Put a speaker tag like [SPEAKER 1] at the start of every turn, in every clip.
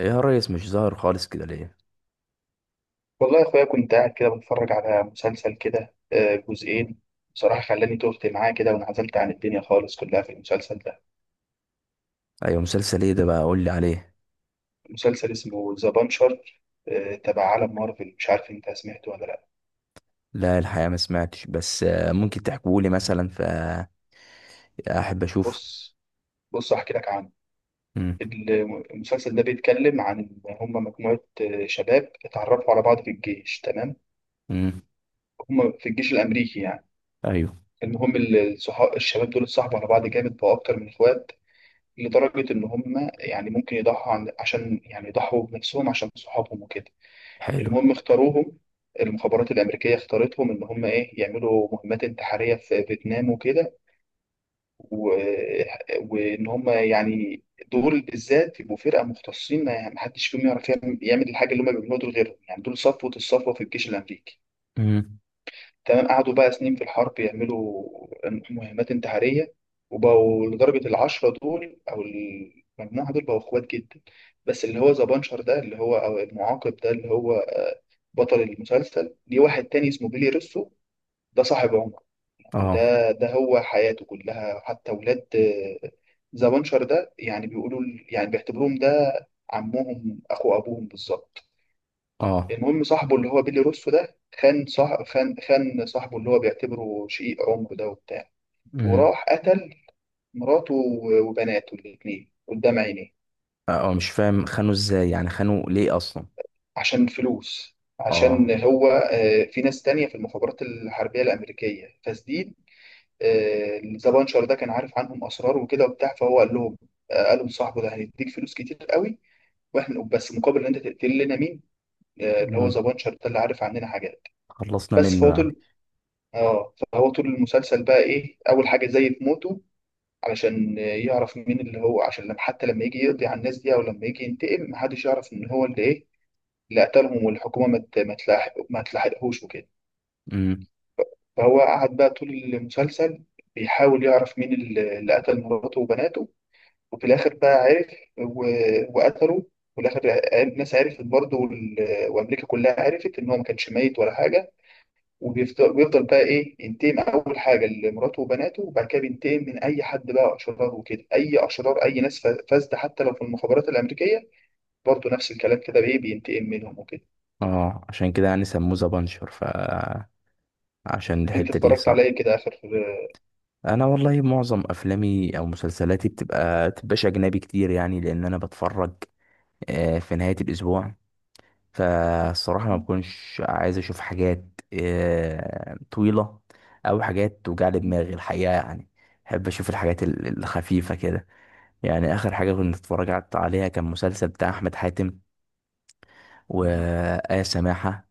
[SPEAKER 1] إيه يا ريس، مش ظاهر خالص كده ليه؟
[SPEAKER 2] والله يا اخويا كنت قاعد كده بتفرج على مسلسل كده جزئين. بصراحة خلاني تهت معاه كده وانعزلت عن الدنيا خالص كلها في المسلسل ده.
[SPEAKER 1] ايوه، مسلسل ايه ده بقى؟ قول لي عليه.
[SPEAKER 2] مسلسل اسمه ذا بانشر، تبع عالم مارفل. مش عارف انت سمعته ولا لا.
[SPEAKER 1] لا، الحقيقه ما سمعتش، بس ممكن تحكوا لي مثلا فاحب اشوف.
[SPEAKER 2] بص، احكي لك عنه.
[SPEAKER 1] امم
[SPEAKER 2] المسلسل ده بيتكلم عن إن هم مجموعة شباب اتعرفوا على بعض في الجيش، تمام؟
[SPEAKER 1] امم
[SPEAKER 2] هم في الجيش الأمريكي يعني.
[SPEAKER 1] ايوه.
[SPEAKER 2] المهم الصحاب الشباب دول اتصاحبوا على بعض جامد، بقوا أكتر من إخوات، لدرجة إن هم يعني ممكن يضحوا عن عشان يعني يضحوا بنفسهم عشان صحابهم وكده.
[SPEAKER 1] حلو.
[SPEAKER 2] المهم اختاروهم، المخابرات الأمريكية اختارتهم إن هم إيه، يعملوا مهمات انتحارية في فيتنام وكده. و... وإن هم يعني دول بالذات يبقوا فرقة مختصين، ما حدش فيهم يعرف يعمل الحاجة اللي هم بيعملوها دول غيرهم، يعني دول صفوة الصفوة في الجيش الأمريكي.
[SPEAKER 1] امم
[SPEAKER 2] تمام. قعدوا بقى سنين في الحرب يعملوا مهمات انتحارية، وبقوا لدرجة العشرة دول أو المجموعة دول بقوا إخوات جدا. بس اللي هو ذا بانشر ده، اللي هو أو المعاقب ده، اللي هو بطل المسلسل، ليه واحد تاني اسمه بيلي روسو. ده صاحب عمر، يعني
[SPEAKER 1] اه.
[SPEAKER 2] ده هو حياته كلها. حتى ولاد ذا بانشر ده يعني بيقولوا، يعني بيعتبروهم ده عمهم، أخو أبوهم بالظبط.
[SPEAKER 1] اه.
[SPEAKER 2] المهم صاحبه اللي هو بيلي روسو ده خان، صاح خان خان صاحبه اللي هو بيعتبره شقيق عمره ده وبتاع،
[SPEAKER 1] امم
[SPEAKER 2] وراح قتل مراته وبناته الاتنين قدام عينيه.
[SPEAKER 1] اه. مش فاهم، خانوا ازاي يعني؟ خانوا ليه اصلا؟
[SPEAKER 2] عشان فلوس، عشان
[SPEAKER 1] اه.
[SPEAKER 2] هو في ناس تانية في المخابرات الحربية الأمريكية فسديد. ذا بانشر ده كان عارف عنهم أسرار وكده وبتاع، فهو قال لهم، قالوا لصاحبه ده هنديك فلوس كتير قوي، واحنا بس مقابل ان انت تقتل لنا مين؟ اللي هو ذا
[SPEAKER 1] امم
[SPEAKER 2] بانشر ده اللي عارف عننا حاجات.
[SPEAKER 1] خلصنا
[SPEAKER 2] بس
[SPEAKER 1] منه
[SPEAKER 2] فهو
[SPEAKER 1] يعني.
[SPEAKER 2] طول، اه فهو طول المسلسل بقى ايه، اول حاجه زي في موته، علشان يعرف مين اللي هو، عشان لما حتى لما يجي يقضي على الناس دي او لما يجي ينتقم محدش يعرف ان هو اللي ايه، اللي قتلهم، والحكومه ما تلاحقهوش وكده.
[SPEAKER 1] امم
[SPEAKER 2] فهو قعد بقى طول المسلسل بيحاول يعرف مين اللي قتل مراته وبناته، وفي الاخر بقى عرف و... وقتله. وفي الاخر الناس عرفت برضه، وامريكا كلها عرفت ان هو ما كانش ميت ولا حاجه. بيفضل بقى ايه ينتقم، اول حاجه لمراته وبناته، وبعد كده بينتقم من اي حد بقى اشرار وكده، اي اشرار، اي ناس فاسده، حتى لو في المخابرات الامريكيه برضه، نفس الكلام كده بايه بينتقم منهم وكده.
[SPEAKER 1] اه، عشان كده يعني سموه ذا بانشر، عشان
[SPEAKER 2] انت
[SPEAKER 1] الحته دي،
[SPEAKER 2] اتفرجت على
[SPEAKER 1] صح؟
[SPEAKER 2] ايه كده اخر؟
[SPEAKER 1] انا والله معظم افلامي او مسلسلاتي تبقاش اجنبي كتير يعني، لان انا بتفرج في نهاية الأسبوع. فالصراحة ما بكونش عايز أشوف حاجات طويلة، أو حاجات توجع لي دماغي الحقيقة يعني. بحب أشوف الحاجات الخفيفة كده. يعني آخر حاجة كنت اتفرجت عليها كان مسلسل بتاع أحمد حاتم وآية سماحة،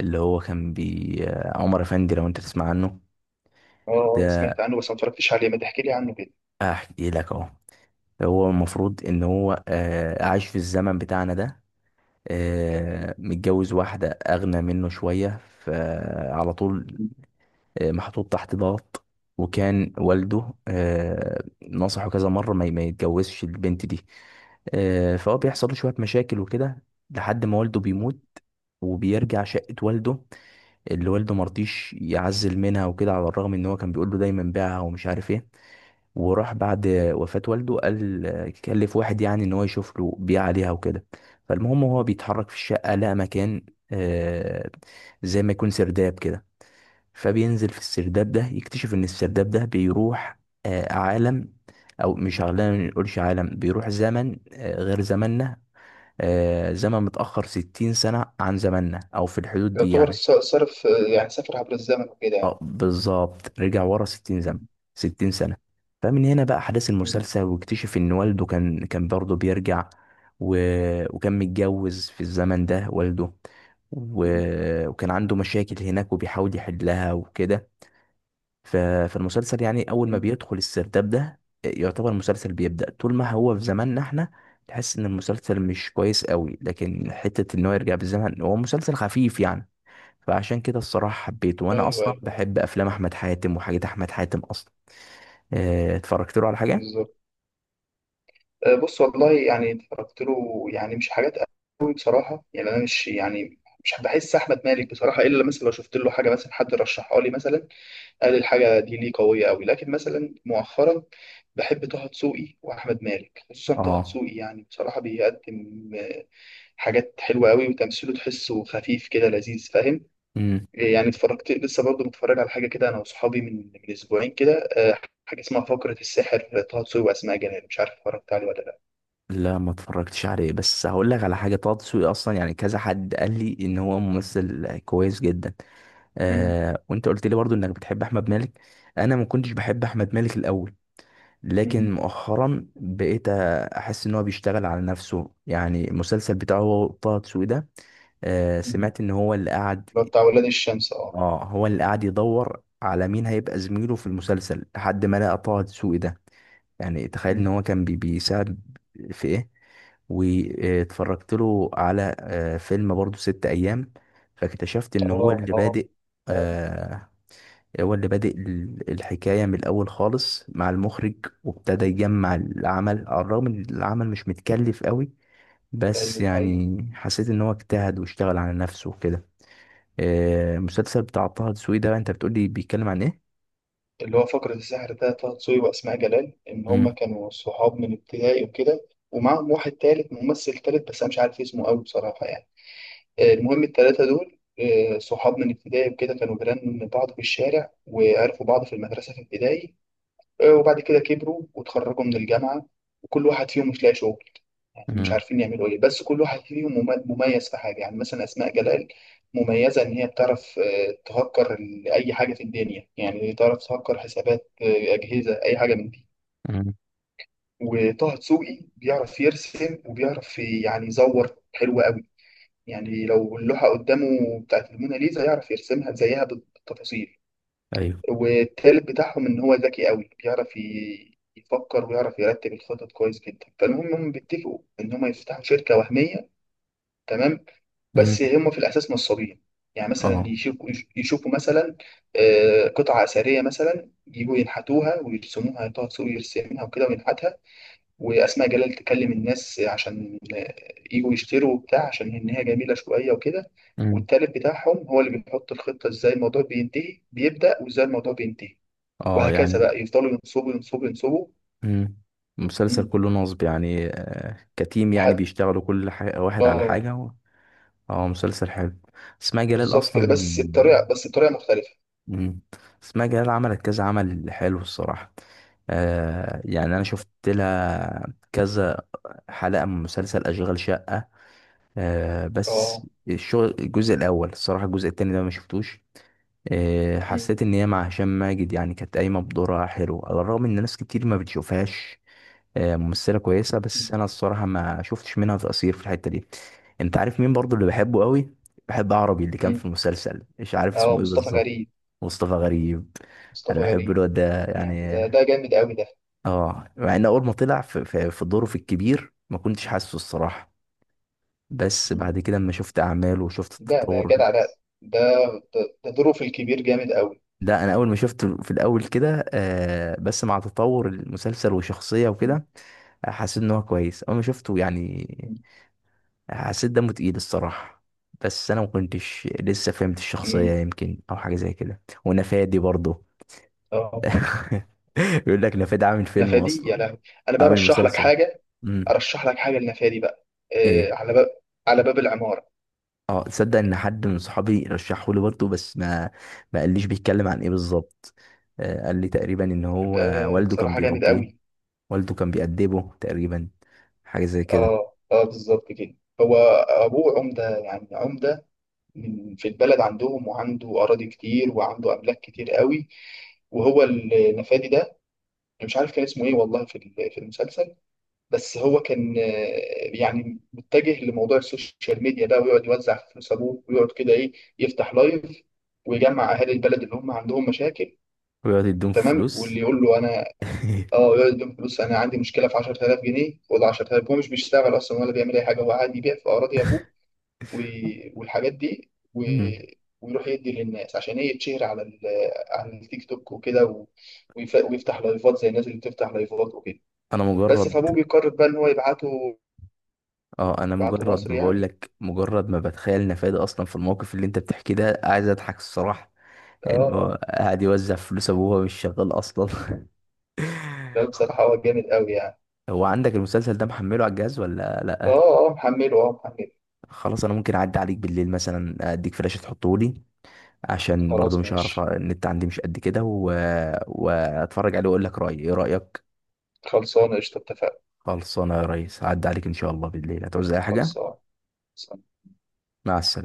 [SPEAKER 1] اللي هو كان بي آه، عمر أفندي، لو أنت تسمع عنه.
[SPEAKER 2] اه،
[SPEAKER 1] ده
[SPEAKER 2] سمعت عنه بس ما اتفرجتش عليه، ما تحكي لي عنه كده.
[SPEAKER 1] أحكي لك أهو. هو المفروض إن هو عايش في الزمن بتاعنا ده،
[SPEAKER 2] تمام.
[SPEAKER 1] متجوز واحدة أغنى منه شوية، فعلى طول
[SPEAKER 2] مم.
[SPEAKER 1] محطوط تحت ضغط. وكان والده نصحه كذا مرة ما يتجوزش البنت دي. فهو بيحصل له شوية مشاكل وكده لحد ما والده بيموت، وبيرجع شقة والده اللي والده مرضيش يعزل منها وكده، على الرغم ان هو كان بيقول له دايما بيعها ومش عارف ايه. وراح بعد وفاة والده، قال كلف واحد يعني ان هو يشوف له بيع عليها وكده. فالمهم هو
[SPEAKER 2] مم.
[SPEAKER 1] بيتحرك في الشقة، لقى مكان آه، زي ما يكون سرداب كده، فبينزل في السرداب ده يكتشف ان السرداب ده بيروح عالم، او مش عالم نقولش، عالم بيروح زمن غير زماننا، زمن متأخر 60 سنة عن زماننا او في الحدود دي
[SPEAKER 2] يعتبر
[SPEAKER 1] يعني.
[SPEAKER 2] صرف، يعني سافر عبر الزمن وكده
[SPEAKER 1] اه،
[SPEAKER 2] يعني.
[SPEAKER 1] بالظبط، رجع ورا 60 زمن،
[SPEAKER 2] مم.
[SPEAKER 1] 60 سنة. فمن هنا بقى أحداث المسلسل، واكتشف إن والده كان برضه بيرجع، و... وكان متجوز في الزمن ده والده، و...
[SPEAKER 2] مم.
[SPEAKER 1] وكان عنده مشاكل هناك وبيحاول يحلها وكده. ف... فالمسلسل يعني أول ما
[SPEAKER 2] مم.
[SPEAKER 1] بيدخل السرداب ده يعتبر المسلسل بيبدأ. طول ما هو في زماننا احنا تحس إن المسلسل مش كويس قوي، لكن حتة إن هو يرجع بالزمن هو مسلسل خفيف يعني. فعشان كده الصراحة حبيته، وأنا
[SPEAKER 2] ايوه،
[SPEAKER 1] أصلا
[SPEAKER 2] ايوه،
[SPEAKER 1] بحب أفلام أحمد حاتم وحاجات أحمد حاتم أصلا. اتفرجت له على حاجة؟
[SPEAKER 2] بالظبط. بص والله، يعني اتفرجت له يعني مش حاجات قوي بصراحه، يعني انا مش يعني مش بحس احمد مالك بصراحه، الا مثلا لو شفت له حاجه، مثلا حد رشحها لي، مثلا قال الحاجه دي ليه قويه قوي. لكن مثلا مؤخرا بحب طه دسوقي واحمد مالك، خصوصا طه
[SPEAKER 1] اه.
[SPEAKER 2] دسوقي. يعني بصراحه بيقدم حاجات حلوه قوي، وتمثيله تحسه خفيف كده لذيذ، فاهم؟
[SPEAKER 1] امم
[SPEAKER 2] يعني اتفرجت لسه برضه، متفرج على حاجه كده انا واصحابي من اسبوعين كده، حاجه اسمها فقره السحر، طه دسوقي واسماء جلال، مش عارف اتفرجت عليه ولا
[SPEAKER 1] لا، ما اتفرجتش عليه، بس هقول لك على حاجة. طه دسوقي أصلا يعني كذا حد قال لي إن هو ممثل كويس جدا.
[SPEAKER 2] لا.
[SPEAKER 1] آه وأنت قلت لي برضو إنك بتحب أحمد مالك. أنا ما كنتش بحب أحمد مالك الأول،
[SPEAKER 2] مم.
[SPEAKER 1] لكن مؤخرا بقيت أحس إن هو بيشتغل على نفسه. يعني المسلسل بتاعه هو طه دسوقي ده، آه،
[SPEAKER 2] مم. اللي
[SPEAKER 1] سمعت إن هو اللي قعد.
[SPEAKER 2] هو بتاع ولاد الشمس، اه.
[SPEAKER 1] اه، هو اللي قاعد يدور على مين هيبقى زميله في المسلسل لحد ما لقى طه دسوقي ده. يعني تخيل ان
[SPEAKER 2] مم.
[SPEAKER 1] هو كان بيساعد في ايه. واتفرجت له على فيلم برضو، ست ايام. فاكتشفت ان هو
[SPEAKER 2] اه
[SPEAKER 1] اللي
[SPEAKER 2] اه،
[SPEAKER 1] بادئ آه، الحكاية من الاول خالص مع المخرج، وابتدى يجمع العمل، على الرغم ان العمل مش متكلف قوي. بس
[SPEAKER 2] ايوه، ده حقيقي.
[SPEAKER 1] يعني حسيت ان هو اجتهد واشتغل على نفسه وكده. المسلسل بتاع طه دسوقي ده، انت بتقول لي بيتكلم عن ايه؟
[SPEAKER 2] اللي هو فقرة السحر ده، طه دسوقي واسماء جلال، ان هما
[SPEAKER 1] مم.
[SPEAKER 2] كانوا صحاب من ابتدائي وكده، ومعاهم واحد تالت ممثل تالت بس انا مش عارف اسمه قوي بصراحة يعني. المهم التلاتة دول، صحاب من ابتدائي وكده، كانوا جيران بعض في الشارع وعرفوا بعض في المدرسة في ابتدائي. وبعد كده كبروا وتخرجوا من الجامعة، وكل واحد فيهم مش لاقي شغل، يعني مش
[SPEAKER 1] مم.
[SPEAKER 2] عارفين يعملوا ايه، بس كل واحد فيهم مميز في حاجة. يعني مثلا أسماء جلال مميزة إن هي بتعرف تهكر أي حاجة في الدنيا، يعني تعرف تهكر حسابات أجهزة، أي حاجة من دي.
[SPEAKER 1] مم.
[SPEAKER 2] وطه دسوقي بيعرف يرسم وبيعرف يعني يزور حلو قوي، يعني لو اللوحة قدامه بتاعت الموناليزا يعرف يرسمها زيها بالتفاصيل.
[SPEAKER 1] ايوه.
[SPEAKER 2] والتالت بتاعهم ان هو ذكي قوي، بيعرف يفكر ويعرف يرتب الخطط كويس جدا. فالمهم هم بيتفقوا ان هم يفتحوا شركه وهميه، تمام،
[SPEAKER 1] مم.
[SPEAKER 2] بس هم في الاساس نصابين. يعني مثلا
[SPEAKER 1] اه.
[SPEAKER 2] يشوفوا مثلا قطعه اثريه مثلا، يجوا ينحتوها ويرسموها، طه دسوقي يرسمها وكده وينحتها، واسماء جلال تكلم الناس عشان يجوا يشتروا وبتاع عشان ان هي جميله شويه وكده.
[SPEAKER 1] مم.
[SPEAKER 2] والتالت بتاعهم هو اللي بيحط الخطه، ازاي الموضوع بينتهي، بيبدا وازاي الموضوع بينتهي،
[SPEAKER 1] اه
[SPEAKER 2] وهكذا
[SPEAKER 1] يعني.
[SPEAKER 2] بقى. يفضلوا ينصبوا ينصبوا.
[SPEAKER 1] مم. المسلسل
[SPEAKER 2] مم.
[SPEAKER 1] كله نصب يعني كتيم، يعني
[SPEAKER 2] لحد،
[SPEAKER 1] بيشتغلوا كل حاجة واحد على
[SPEAKER 2] اه.
[SPEAKER 1] حاجة اه، مسلسل حلو. اسماء جلال
[SPEAKER 2] بالظبط كده،
[SPEAKER 1] اصلا.
[SPEAKER 2] بس بطريقه مختلفه.
[SPEAKER 1] مم. اسماء جلال عملت كذا عمل حلو الصراحة. آه يعني انا شفت لها كذا حلقة من مسلسل اشغال شقة. آه
[SPEAKER 2] اه.
[SPEAKER 1] بس الشغل الجزء الاول الصراحه، الجزء التاني ده ما شفتوش. آه
[SPEAKER 2] مم.
[SPEAKER 1] حسيت ان هي مع هشام ماجد يعني كانت قايمه بدورها حلو، على الرغم ان ناس كتير ما بتشوفهاش. آه ممثله كويسه، بس
[SPEAKER 2] مم.
[SPEAKER 1] انا الصراحه ما شفتش منها تقصير في الحته دي. انت عارف مين برضو اللي بحبه قوي؟ بحب عربي اللي كان في
[SPEAKER 2] مم.
[SPEAKER 1] المسلسل، مش عارف
[SPEAKER 2] اه،
[SPEAKER 1] اسمه ايه
[SPEAKER 2] مصطفى
[SPEAKER 1] بالظبط.
[SPEAKER 2] غريب.
[SPEAKER 1] مصطفى غريب. انا
[SPEAKER 2] مصطفى
[SPEAKER 1] بحب
[SPEAKER 2] غريب.
[SPEAKER 1] الواد ده
[SPEAKER 2] يعني ده
[SPEAKER 1] يعني.
[SPEAKER 2] ده جامد قوي ده.
[SPEAKER 1] اه، مع ان اول ما طلع في دوره في الكبير ما كنتش حاسه الصراحه، بس
[SPEAKER 2] مم.
[SPEAKER 1] بعد كده اما شفت اعماله وشفت
[SPEAKER 2] ده
[SPEAKER 1] التطور.
[SPEAKER 2] جدع ده. ده، ده دوره في الكبير جامد قوي.
[SPEAKER 1] ده انا اول ما شفته في الاول كده آه، بس مع تطور المسلسل وشخصية
[SPEAKER 2] مم.
[SPEAKER 1] وكده حسيت ان هو كويس. اول ما شفته يعني حسيت دمه تقيل الصراحة، بس انا ما كنتش لسه فهمت الشخصية
[SPEAKER 2] مم.
[SPEAKER 1] يمكن، او حاجة زي كده. ونفادي برضه.
[SPEAKER 2] اه ممكن.
[SPEAKER 1] بيقول لك نفادي عامل فيلم
[SPEAKER 2] نفادي يا
[SPEAKER 1] اصلا.
[SPEAKER 2] لهوي. انا بقى
[SPEAKER 1] عامل
[SPEAKER 2] ارشح لك
[SPEAKER 1] مسلسل.
[SPEAKER 2] حاجه،
[SPEAKER 1] امم
[SPEAKER 2] ارشح لك حاجه لنفادي بقى،
[SPEAKER 1] ايه.
[SPEAKER 2] على باب، على باب العماره.
[SPEAKER 1] اه، تصدق ان حد من صحابي رشحه لي برضه، بس ما قاليش بيتكلم عن ايه بالظبط. قال لي تقريبا ان هو
[SPEAKER 2] ده
[SPEAKER 1] والده كان
[SPEAKER 2] بصراحه جامد
[SPEAKER 1] بيربيه،
[SPEAKER 2] قوي.
[SPEAKER 1] والده كان بيأدبه تقريبا، حاجة زي كده.
[SPEAKER 2] اه اه، بالظبط كده. هو ابوه عمده، يعني من في البلد عندهم، وعنده اراضي كتير وعنده املاك كتير قوي. وهو النفادي ده أنا مش عارف كان اسمه ايه والله في في المسلسل، بس هو كان يعني متجه لموضوع السوشيال ميديا ده، ويقعد يوزع فلوس ابوه، ويقعد كده ايه يفتح لايف ويجمع اهالي البلد اللي هم عندهم مشاكل،
[SPEAKER 1] ويقعد يديهم في
[SPEAKER 2] تمام.
[SPEAKER 1] فلوس.
[SPEAKER 2] واللي يقول له انا، اه، يقعد يديهم فلوس، انا عندي مشكله في 10000 جنيه، خد 10000. هو مش بيشتغل اصلا ولا بيعمل اي حاجه، هو قاعد يبيع في اراضي ابوه و- والحاجات دي
[SPEAKER 1] مم.
[SPEAKER 2] ويروح يدي للناس عشان ايه، يتشهر على على التيك توك وكده ويفتح لايفات زي الناس اللي بتفتح لايفات وكده.
[SPEAKER 1] انا
[SPEAKER 2] بس
[SPEAKER 1] مجرد.
[SPEAKER 2] فابوه بيقرر بقى ان هو يبعته،
[SPEAKER 1] اه، انا
[SPEAKER 2] يبعته
[SPEAKER 1] مجرد
[SPEAKER 2] مصر
[SPEAKER 1] بقول
[SPEAKER 2] يعني.
[SPEAKER 1] لك، مجرد ما بتخيل نفادي اصلا في الموقف اللي انت بتحكيه ده، عايز اضحك الصراحة.
[SPEAKER 2] اه
[SPEAKER 1] انه
[SPEAKER 2] آه.
[SPEAKER 1] قاعد يوزع فلوس ابوه وهو مش شغال اصلا.
[SPEAKER 2] لا بصراحة هو جامد قوي يعني.
[SPEAKER 1] هو عندك المسلسل ده محمله على الجهاز ولا لا؟
[SPEAKER 2] اه اه محمله، اه محمله.
[SPEAKER 1] خلاص، انا ممكن اعدي عليك بالليل مثلا، اديك فلاش تحطه لي عشان برضو
[SPEAKER 2] خلاص
[SPEAKER 1] مش هعرف،
[SPEAKER 2] ماشي.
[SPEAKER 1] النت عندي مش قد كده، واتفرج عليه واقول لك رايي. ايه رايك؟
[SPEAKER 2] خلصانة قشطة، اتفقنا.
[SPEAKER 1] خلصانه يا ريس، هعدي عليك ان شاء الله بالليل. هتعوز اي حاجه؟
[SPEAKER 2] خلصانة
[SPEAKER 1] مع السلامه.